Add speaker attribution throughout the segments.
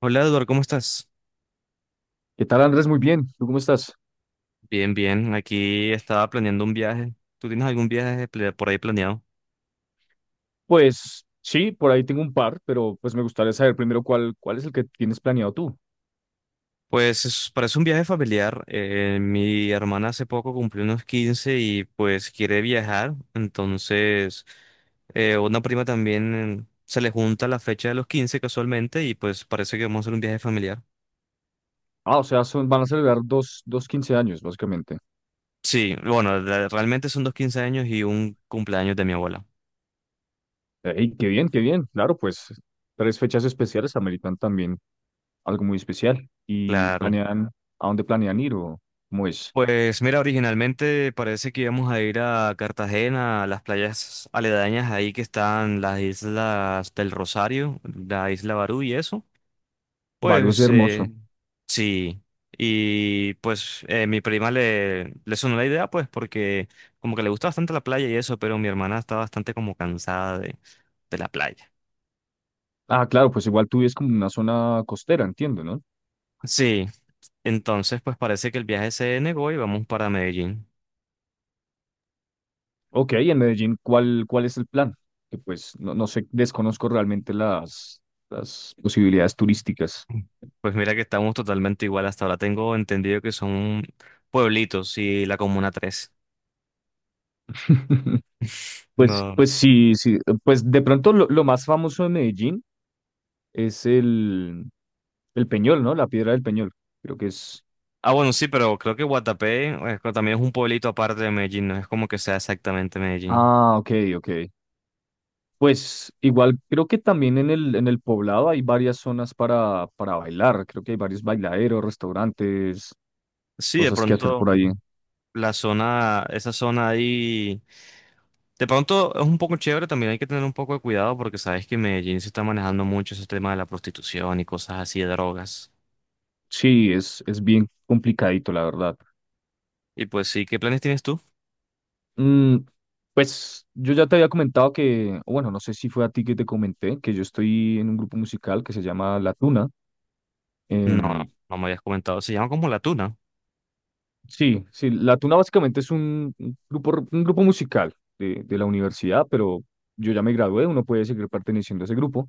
Speaker 1: Hola Eduardo, ¿cómo estás?
Speaker 2: ¿Qué tal, Andrés? Muy bien. ¿Tú cómo estás?
Speaker 1: Bien, bien. Aquí estaba planeando un viaje. ¿Tú tienes algún viaje por ahí planeado?
Speaker 2: Pues sí, por ahí tengo un par, pero pues me gustaría saber primero cuál, cuál es el que tienes planeado tú.
Speaker 1: Pues parece un viaje familiar. Mi hermana hace poco cumplió unos 15 y pues quiere viajar. Entonces, una prima también se le junta la fecha de los 15 casualmente y pues parece que vamos a hacer un viaje familiar.
Speaker 2: Ah, o sea, son, van a celebrar dos quince años, básicamente.
Speaker 1: Sí, bueno, realmente son dos 15 años y un cumpleaños de mi abuela.
Speaker 2: Ey, qué bien, qué bien. Claro, pues tres fechas especiales ameritan también algo muy especial. Y
Speaker 1: Claro.
Speaker 2: planean, ¿a dónde planean ir o cómo es?
Speaker 1: Pues mira, originalmente parece que íbamos a ir a Cartagena, a las playas aledañas ahí que están las Islas del Rosario, la isla Barú y eso.
Speaker 2: Barrio
Speaker 1: Pues
Speaker 2: hermoso.
Speaker 1: sí, y pues mi prima le sonó la idea pues porque como que le gusta bastante la playa y eso, pero mi hermana está bastante como cansada de la playa.
Speaker 2: Ah, claro, pues igual tú vives como en una zona costera, entiendo, ¿no?
Speaker 1: Sí, entonces pues parece que el viaje se negó y vamos para Medellín.
Speaker 2: Ok, en Medellín, ¿cuál, cuál es el plan? Que pues no, no sé, desconozco realmente las posibilidades turísticas.
Speaker 1: Pues mira que estamos totalmente igual. Hasta ahora tengo entendido que son pueblitos y la Comuna Tres.
Speaker 2: Pues,
Speaker 1: No.
Speaker 2: pues sí, sí, pues de pronto lo más famoso de Medellín es el Peñol, ¿no? La Piedra del Peñol, creo que es.
Speaker 1: Ah, bueno, sí, pero creo que Guatapé también es un pueblito aparte de Medellín, no es como que sea exactamente Medellín.
Speaker 2: Ah, ok, ok. Pues igual creo que también en el Poblado hay varias zonas para bailar, creo que hay varios bailaderos, restaurantes,
Speaker 1: Sí, de
Speaker 2: cosas que hacer
Speaker 1: pronto
Speaker 2: por ahí.
Speaker 1: esa zona ahí, de pronto es un poco chévere, también hay que tener un poco de cuidado porque sabes que en Medellín se está manejando mucho ese tema de la prostitución y cosas así de drogas.
Speaker 2: Sí, es bien complicadito, la verdad.
Speaker 1: Y pues sí, ¿qué planes tienes tú?
Speaker 2: Mm, pues yo ya te había comentado que, o bueno, no sé si fue a ti que te comenté, que yo estoy en un grupo musical que se llama La Tuna.
Speaker 1: No,
Speaker 2: Em,
Speaker 1: no me habías comentado, se llama como La Tuna.
Speaker 2: sí, sí, La Tuna básicamente es un grupo, un grupo musical de la universidad, pero yo ya me gradué, uno puede seguir perteneciendo a ese grupo.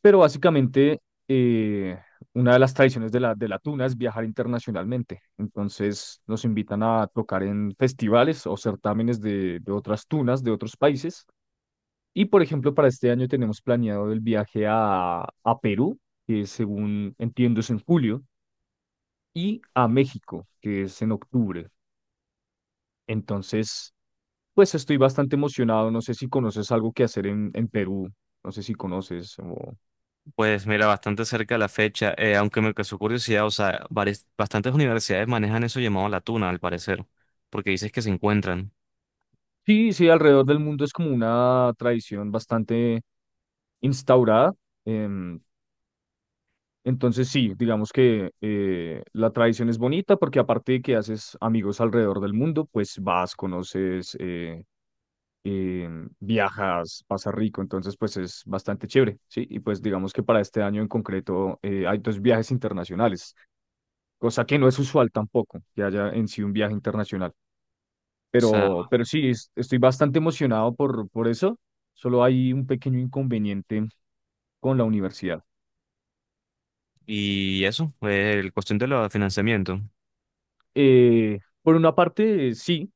Speaker 2: Pero básicamente eh, una de las tradiciones de La Tuna es viajar internacionalmente. Entonces nos invitan a tocar en festivales o certámenes de otras tunas, de otros países. Y por ejemplo, para este año tenemos planeado el viaje a Perú, que según entiendo es en julio, y a México, que es en octubre. Entonces, pues estoy bastante emocionado. No sé si conoces algo que hacer en Perú. No sé si conoces.
Speaker 1: Pues mira, bastante cerca de la fecha, aunque me causó curiosidad, o sea, bastantes universidades manejan eso llamado la tuna, al parecer, porque dices que se encuentran.
Speaker 2: Sí, sí, alrededor del mundo es como una tradición bastante instaurada. em, entonces, sí, digamos que la tradición es bonita porque aparte de que haces amigos alrededor del mundo, pues vas, eh, viajas, pasas rico, entonces pues es bastante chévere, ¿sí? Y pues digamos que para este año en concreto hay dos viajes internacionales, cosa que no es usual tampoco, que haya en sí un viaje internacional.
Speaker 1: O sea,
Speaker 2: Pero sí, estoy bastante emocionado por eso, solo hay un pequeño inconveniente con la universidad.
Speaker 1: y eso, el cuestión de los financiamiento.
Speaker 2: Por una parte, sí.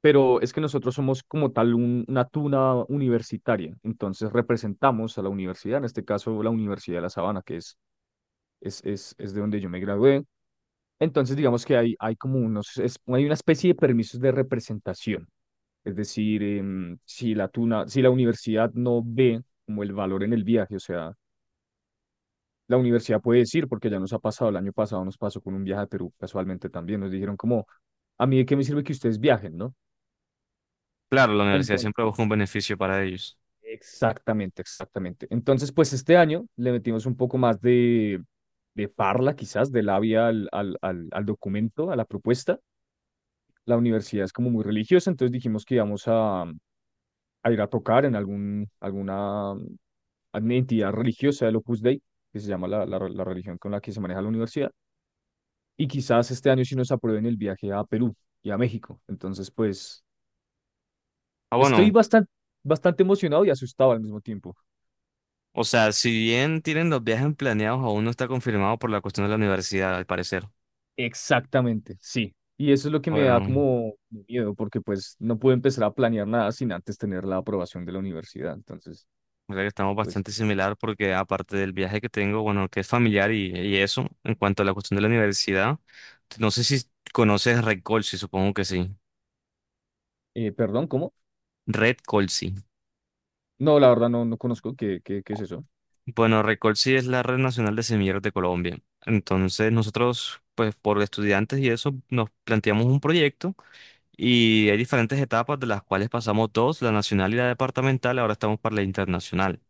Speaker 2: Pero es que nosotros somos como tal una tuna universitaria, entonces representamos a la universidad, en este caso la Universidad de La Sabana, que es es de donde yo me gradué. Entonces, digamos que hay como unos, hay una especie de permisos de representación. Es decir, si la tuna, si la universidad no ve como el valor en el viaje, o sea, la universidad puede decir, porque ya nos ha pasado, el año pasado nos pasó con un viaje a Perú, casualmente también, nos dijeron como, a mí de qué me sirve que ustedes viajen, ¿no?
Speaker 1: Claro, la universidad
Speaker 2: Entonces,
Speaker 1: siempre busca un beneficio para ellos.
Speaker 2: exactamente, exactamente. Entonces, pues este año le metimos un poco más de parla, quizás, de labia al, al documento, a la propuesta. La universidad es como muy religiosa, entonces dijimos que íbamos a ir a tocar en algún, alguna entidad religiosa del Opus Dei, que se llama la, la religión con la que se maneja la universidad, y quizás este año sí nos aprueben el viaje a Perú y a México. Entonces, pues
Speaker 1: Ah, bueno,
Speaker 2: estoy bastante, bastante emocionado y asustado al mismo tiempo.
Speaker 1: o sea, si bien tienen los viajes planeados, aún no está confirmado por la cuestión de la universidad, al parecer.
Speaker 2: Exactamente, sí. Y eso es lo que me da
Speaker 1: Bueno.
Speaker 2: como miedo, porque pues no puedo empezar a planear nada sin antes tener la aprobación de la universidad. Entonces,
Speaker 1: O sea que estamos
Speaker 2: pues,
Speaker 1: bastante similar porque aparte del viaje que tengo, bueno, que es familiar y eso, en cuanto a la cuestión de la universidad, no sé si conoces Red Colsi, supongo que sí.
Speaker 2: perdón, ¿cómo?
Speaker 1: Red Colsi.
Speaker 2: No, la verdad no, no conozco qué, qué, qué es eso.
Speaker 1: Bueno, Red Colsi es la red nacional de semilleros de Colombia. Entonces nosotros, pues por estudiantes y eso, nos planteamos un proyecto y hay diferentes etapas de las cuales pasamos dos, la nacional y la departamental, ahora estamos para la internacional.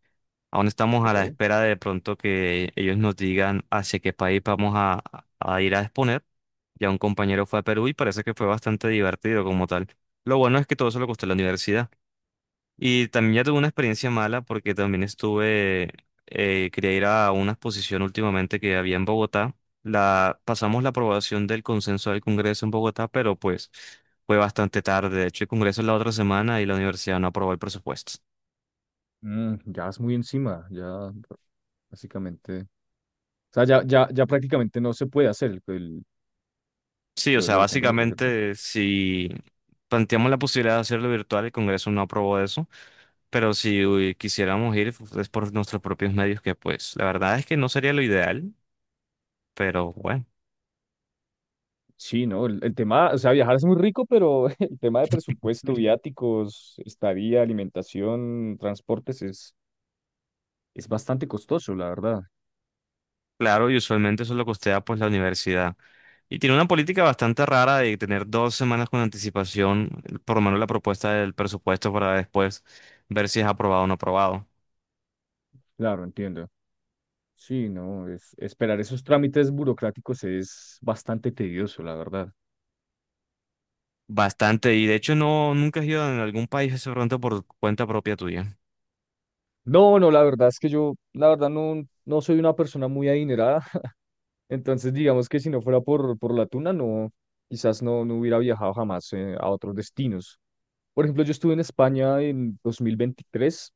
Speaker 1: Aún estamos a
Speaker 2: Ok.
Speaker 1: la espera de pronto que ellos nos digan hacia qué país vamos a ir a exponer. Ya un compañero fue a Perú y parece que fue bastante divertido como tal. Lo bueno es que todo eso lo costó la universidad. Y también ya tuve una experiencia mala porque también estuve, quería ir a una exposición últimamente que había en Bogotá. Pasamos la aprobación del consenso del Congreso en Bogotá, pero pues fue bastante tarde. De hecho, el Congreso es la otra semana y la universidad no aprobó el presupuesto.
Speaker 2: Mm, ya es muy encima, ya básicamente. O sea, ya, ya, ya prácticamente no se puede hacer el,
Speaker 1: Sí, o sea,
Speaker 2: lo del Congreso, ¿cierto?
Speaker 1: básicamente si planteamos la posibilidad de hacerlo virtual, el Congreso no aprobó eso, pero si uy, quisiéramos ir pues, es por nuestros propios medios, que pues la verdad es que no sería lo ideal, pero bueno.
Speaker 2: Sí, ¿no? El tema, o sea, viajar es muy rico, pero el tema de presupuesto,
Speaker 1: Mm.
Speaker 2: viáticos, estadía, alimentación, transportes es bastante costoso, la verdad.
Speaker 1: Claro, y usualmente eso es lo costea pues la universidad. Y tiene una política bastante rara de tener 2 semanas con anticipación, por lo menos la propuesta del presupuesto para después ver si es aprobado o no aprobado.
Speaker 2: Claro, entiendo. Sí, no, es, esperar esos trámites burocráticos es bastante tedioso, la verdad.
Speaker 1: Bastante, y de hecho no, nunca has ido a algún país ese pronto por cuenta propia tuya.
Speaker 2: No, no, la verdad es que yo, la verdad, no, no soy una persona muy adinerada. Entonces, digamos que si no fuera por la tuna, no, quizás no, no hubiera viajado jamás a otros destinos. Por ejemplo, yo estuve en España en 2023.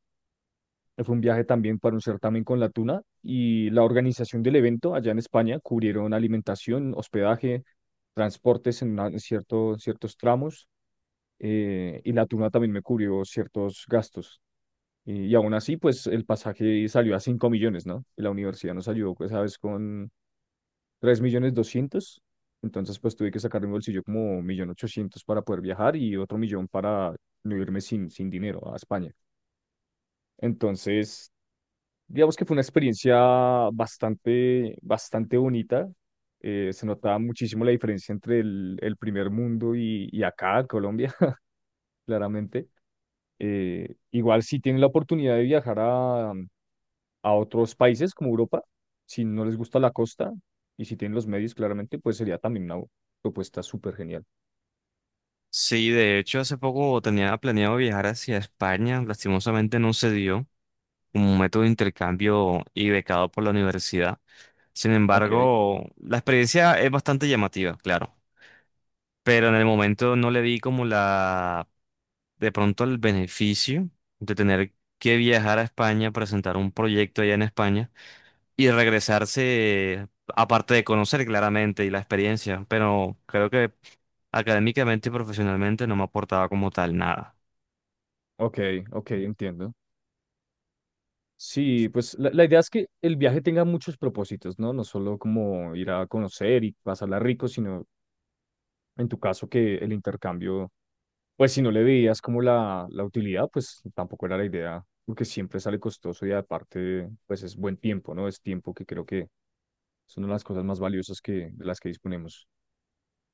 Speaker 2: Fue un viaje también para un certamen con la tuna y la organización del evento allá en España cubrieron alimentación, hospedaje, transportes en, en ciertos tramos y la tuna también me cubrió ciertos gastos. Y aún así, pues el pasaje salió a 5 millones, ¿no? Y la universidad nos ayudó, pues, ¿sabes? Con 3 millones doscientos. Entonces, pues tuve que sacar de mi bolsillo como 1 millón ochocientos para poder viajar y otro millón para no irme sin, sin dinero a España. Entonces, digamos que fue una experiencia bastante, bastante bonita. Se notaba muchísimo la diferencia entre el primer mundo y acá, Colombia, claramente. Igual si tienen la oportunidad de viajar a otros países como Europa, si no les gusta la costa y si tienen los medios, claramente, pues sería también una propuesta súper genial.
Speaker 1: Sí, de hecho, hace poco tenía planeado viajar hacia España, lastimosamente no se dio un método de intercambio y becado por la universidad. Sin
Speaker 2: Ok,
Speaker 1: embargo, la experiencia es bastante llamativa, claro, pero en el momento no le di como de pronto el beneficio de tener que viajar a España, presentar un proyecto allá en España y regresarse, aparte de conocer claramente y la experiencia, pero creo que académicamente y profesionalmente no me aportaba como tal nada.
Speaker 2: ok, ok, entiendo. Sí, pues la idea es que el viaje tenga muchos propósitos, ¿no? No solo como ir a conocer y pasarla rico, sino en tu caso que el intercambio, pues si no le veías como la utilidad, pues tampoco era la idea, porque siempre sale costoso y aparte, pues es buen tiempo, ¿no? Es tiempo que creo que son una de las cosas más valiosas que, de las que disponemos.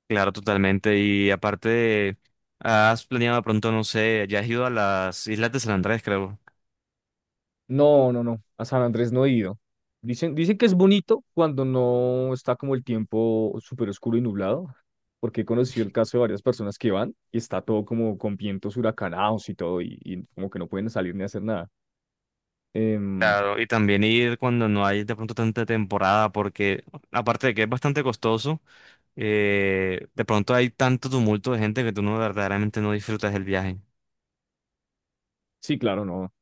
Speaker 1: Claro, totalmente. Y aparte, has planeado de pronto, no sé, ya has ido a las Islas de San Andrés, creo.
Speaker 2: No, no, no. A San Andrés no he ido. Dicen, dicen que es bonito cuando no está como el tiempo súper oscuro y nublado, porque he conocido el caso de varias personas que van y está todo como con vientos huracanados y todo, y como que no pueden salir ni hacer nada. Em,
Speaker 1: Claro, y también ir cuando no hay de pronto tanta temporada, porque aparte de que es bastante costoso, de pronto hay tanto tumulto de gente que tú no verdaderamente no disfrutas el viaje.
Speaker 2: sí, claro, no,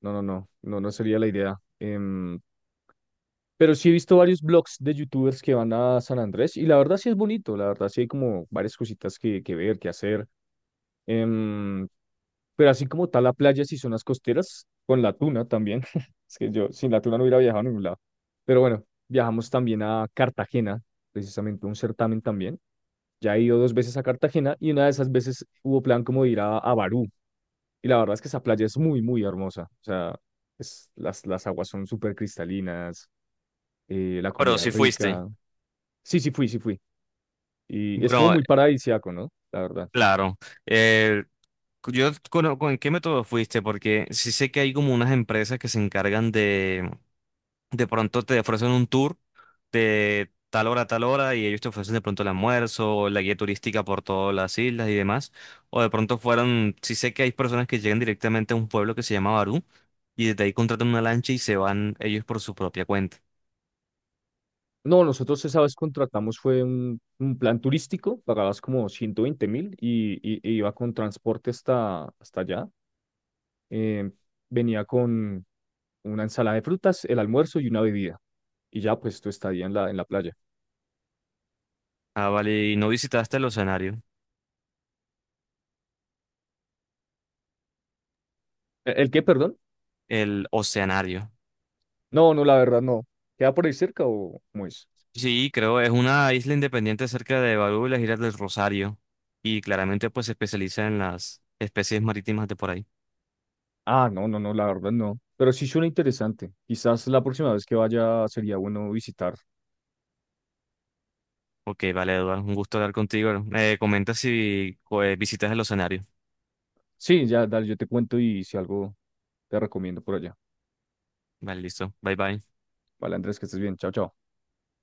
Speaker 2: no, no, no, no, no sería la idea. Pero sí he visto varios blogs de youtubers que van a San Andrés y la verdad sí es bonito, la verdad sí hay como varias cositas que ver, que hacer. Em, Pero así como tal la playa, si son las costeras, con la tuna también. Es que yo sin la tuna no hubiera viajado a ningún lado. Pero bueno, viajamos también a Cartagena, precisamente un certamen también. Ya he ido dos veces a Cartagena y una de esas veces hubo plan como de ir a Barú. Y la verdad es que esa playa es muy, muy hermosa. O sea, las aguas son súper cristalinas, la
Speaker 1: Pero
Speaker 2: comida es
Speaker 1: si fuiste.
Speaker 2: rica. Sí, sí fui, sí fui. Y es como
Speaker 1: Bueno,
Speaker 2: muy paradisíaco, ¿no? La verdad.
Speaker 1: claro. Eh, yo conozco en qué método fuiste, porque sí sé que hay como unas empresas que se encargan de pronto te ofrecen un tour de tal hora a tal hora y ellos te ofrecen de pronto el almuerzo, la guía turística por todas las islas y demás. O de pronto fueron, sí sé que hay personas que llegan directamente a un pueblo que se llama Barú y desde ahí contratan una lancha y se van ellos por su propia cuenta.
Speaker 2: No, nosotros esa vez contratamos fue un plan turístico, pagabas como 120 mil y, e iba con transporte hasta, hasta allá. Eh, venía con una ensalada de frutas, el almuerzo y una bebida. Y ya pues tu estadía en la playa.
Speaker 1: Ah, vale, ¿y no visitaste el oceanario,
Speaker 2: ¿E- ¿El, qué, perdón?
Speaker 1: el oceanario?
Speaker 2: No, no, la verdad no. ¿Queda por ahí cerca o cómo es?
Speaker 1: Sí, creo, es una isla independiente cerca de Barú y las Islas del Rosario y claramente pues se especializa en las especies marítimas de por ahí.
Speaker 2: Ah, no, no, no, la verdad no. Pero sí suena interesante. Quizás la próxima vez que vaya sería bueno visitar.
Speaker 1: Ok, vale, Eduardo, un gusto hablar contigo. Me comentas si pues, visitas el escenario.
Speaker 2: Sí, ya, dale, yo te cuento y si algo te recomiendo por allá.
Speaker 1: Vale, listo. Bye bye.
Speaker 2: Vale, Andrés, que estés bien. Chao, chao.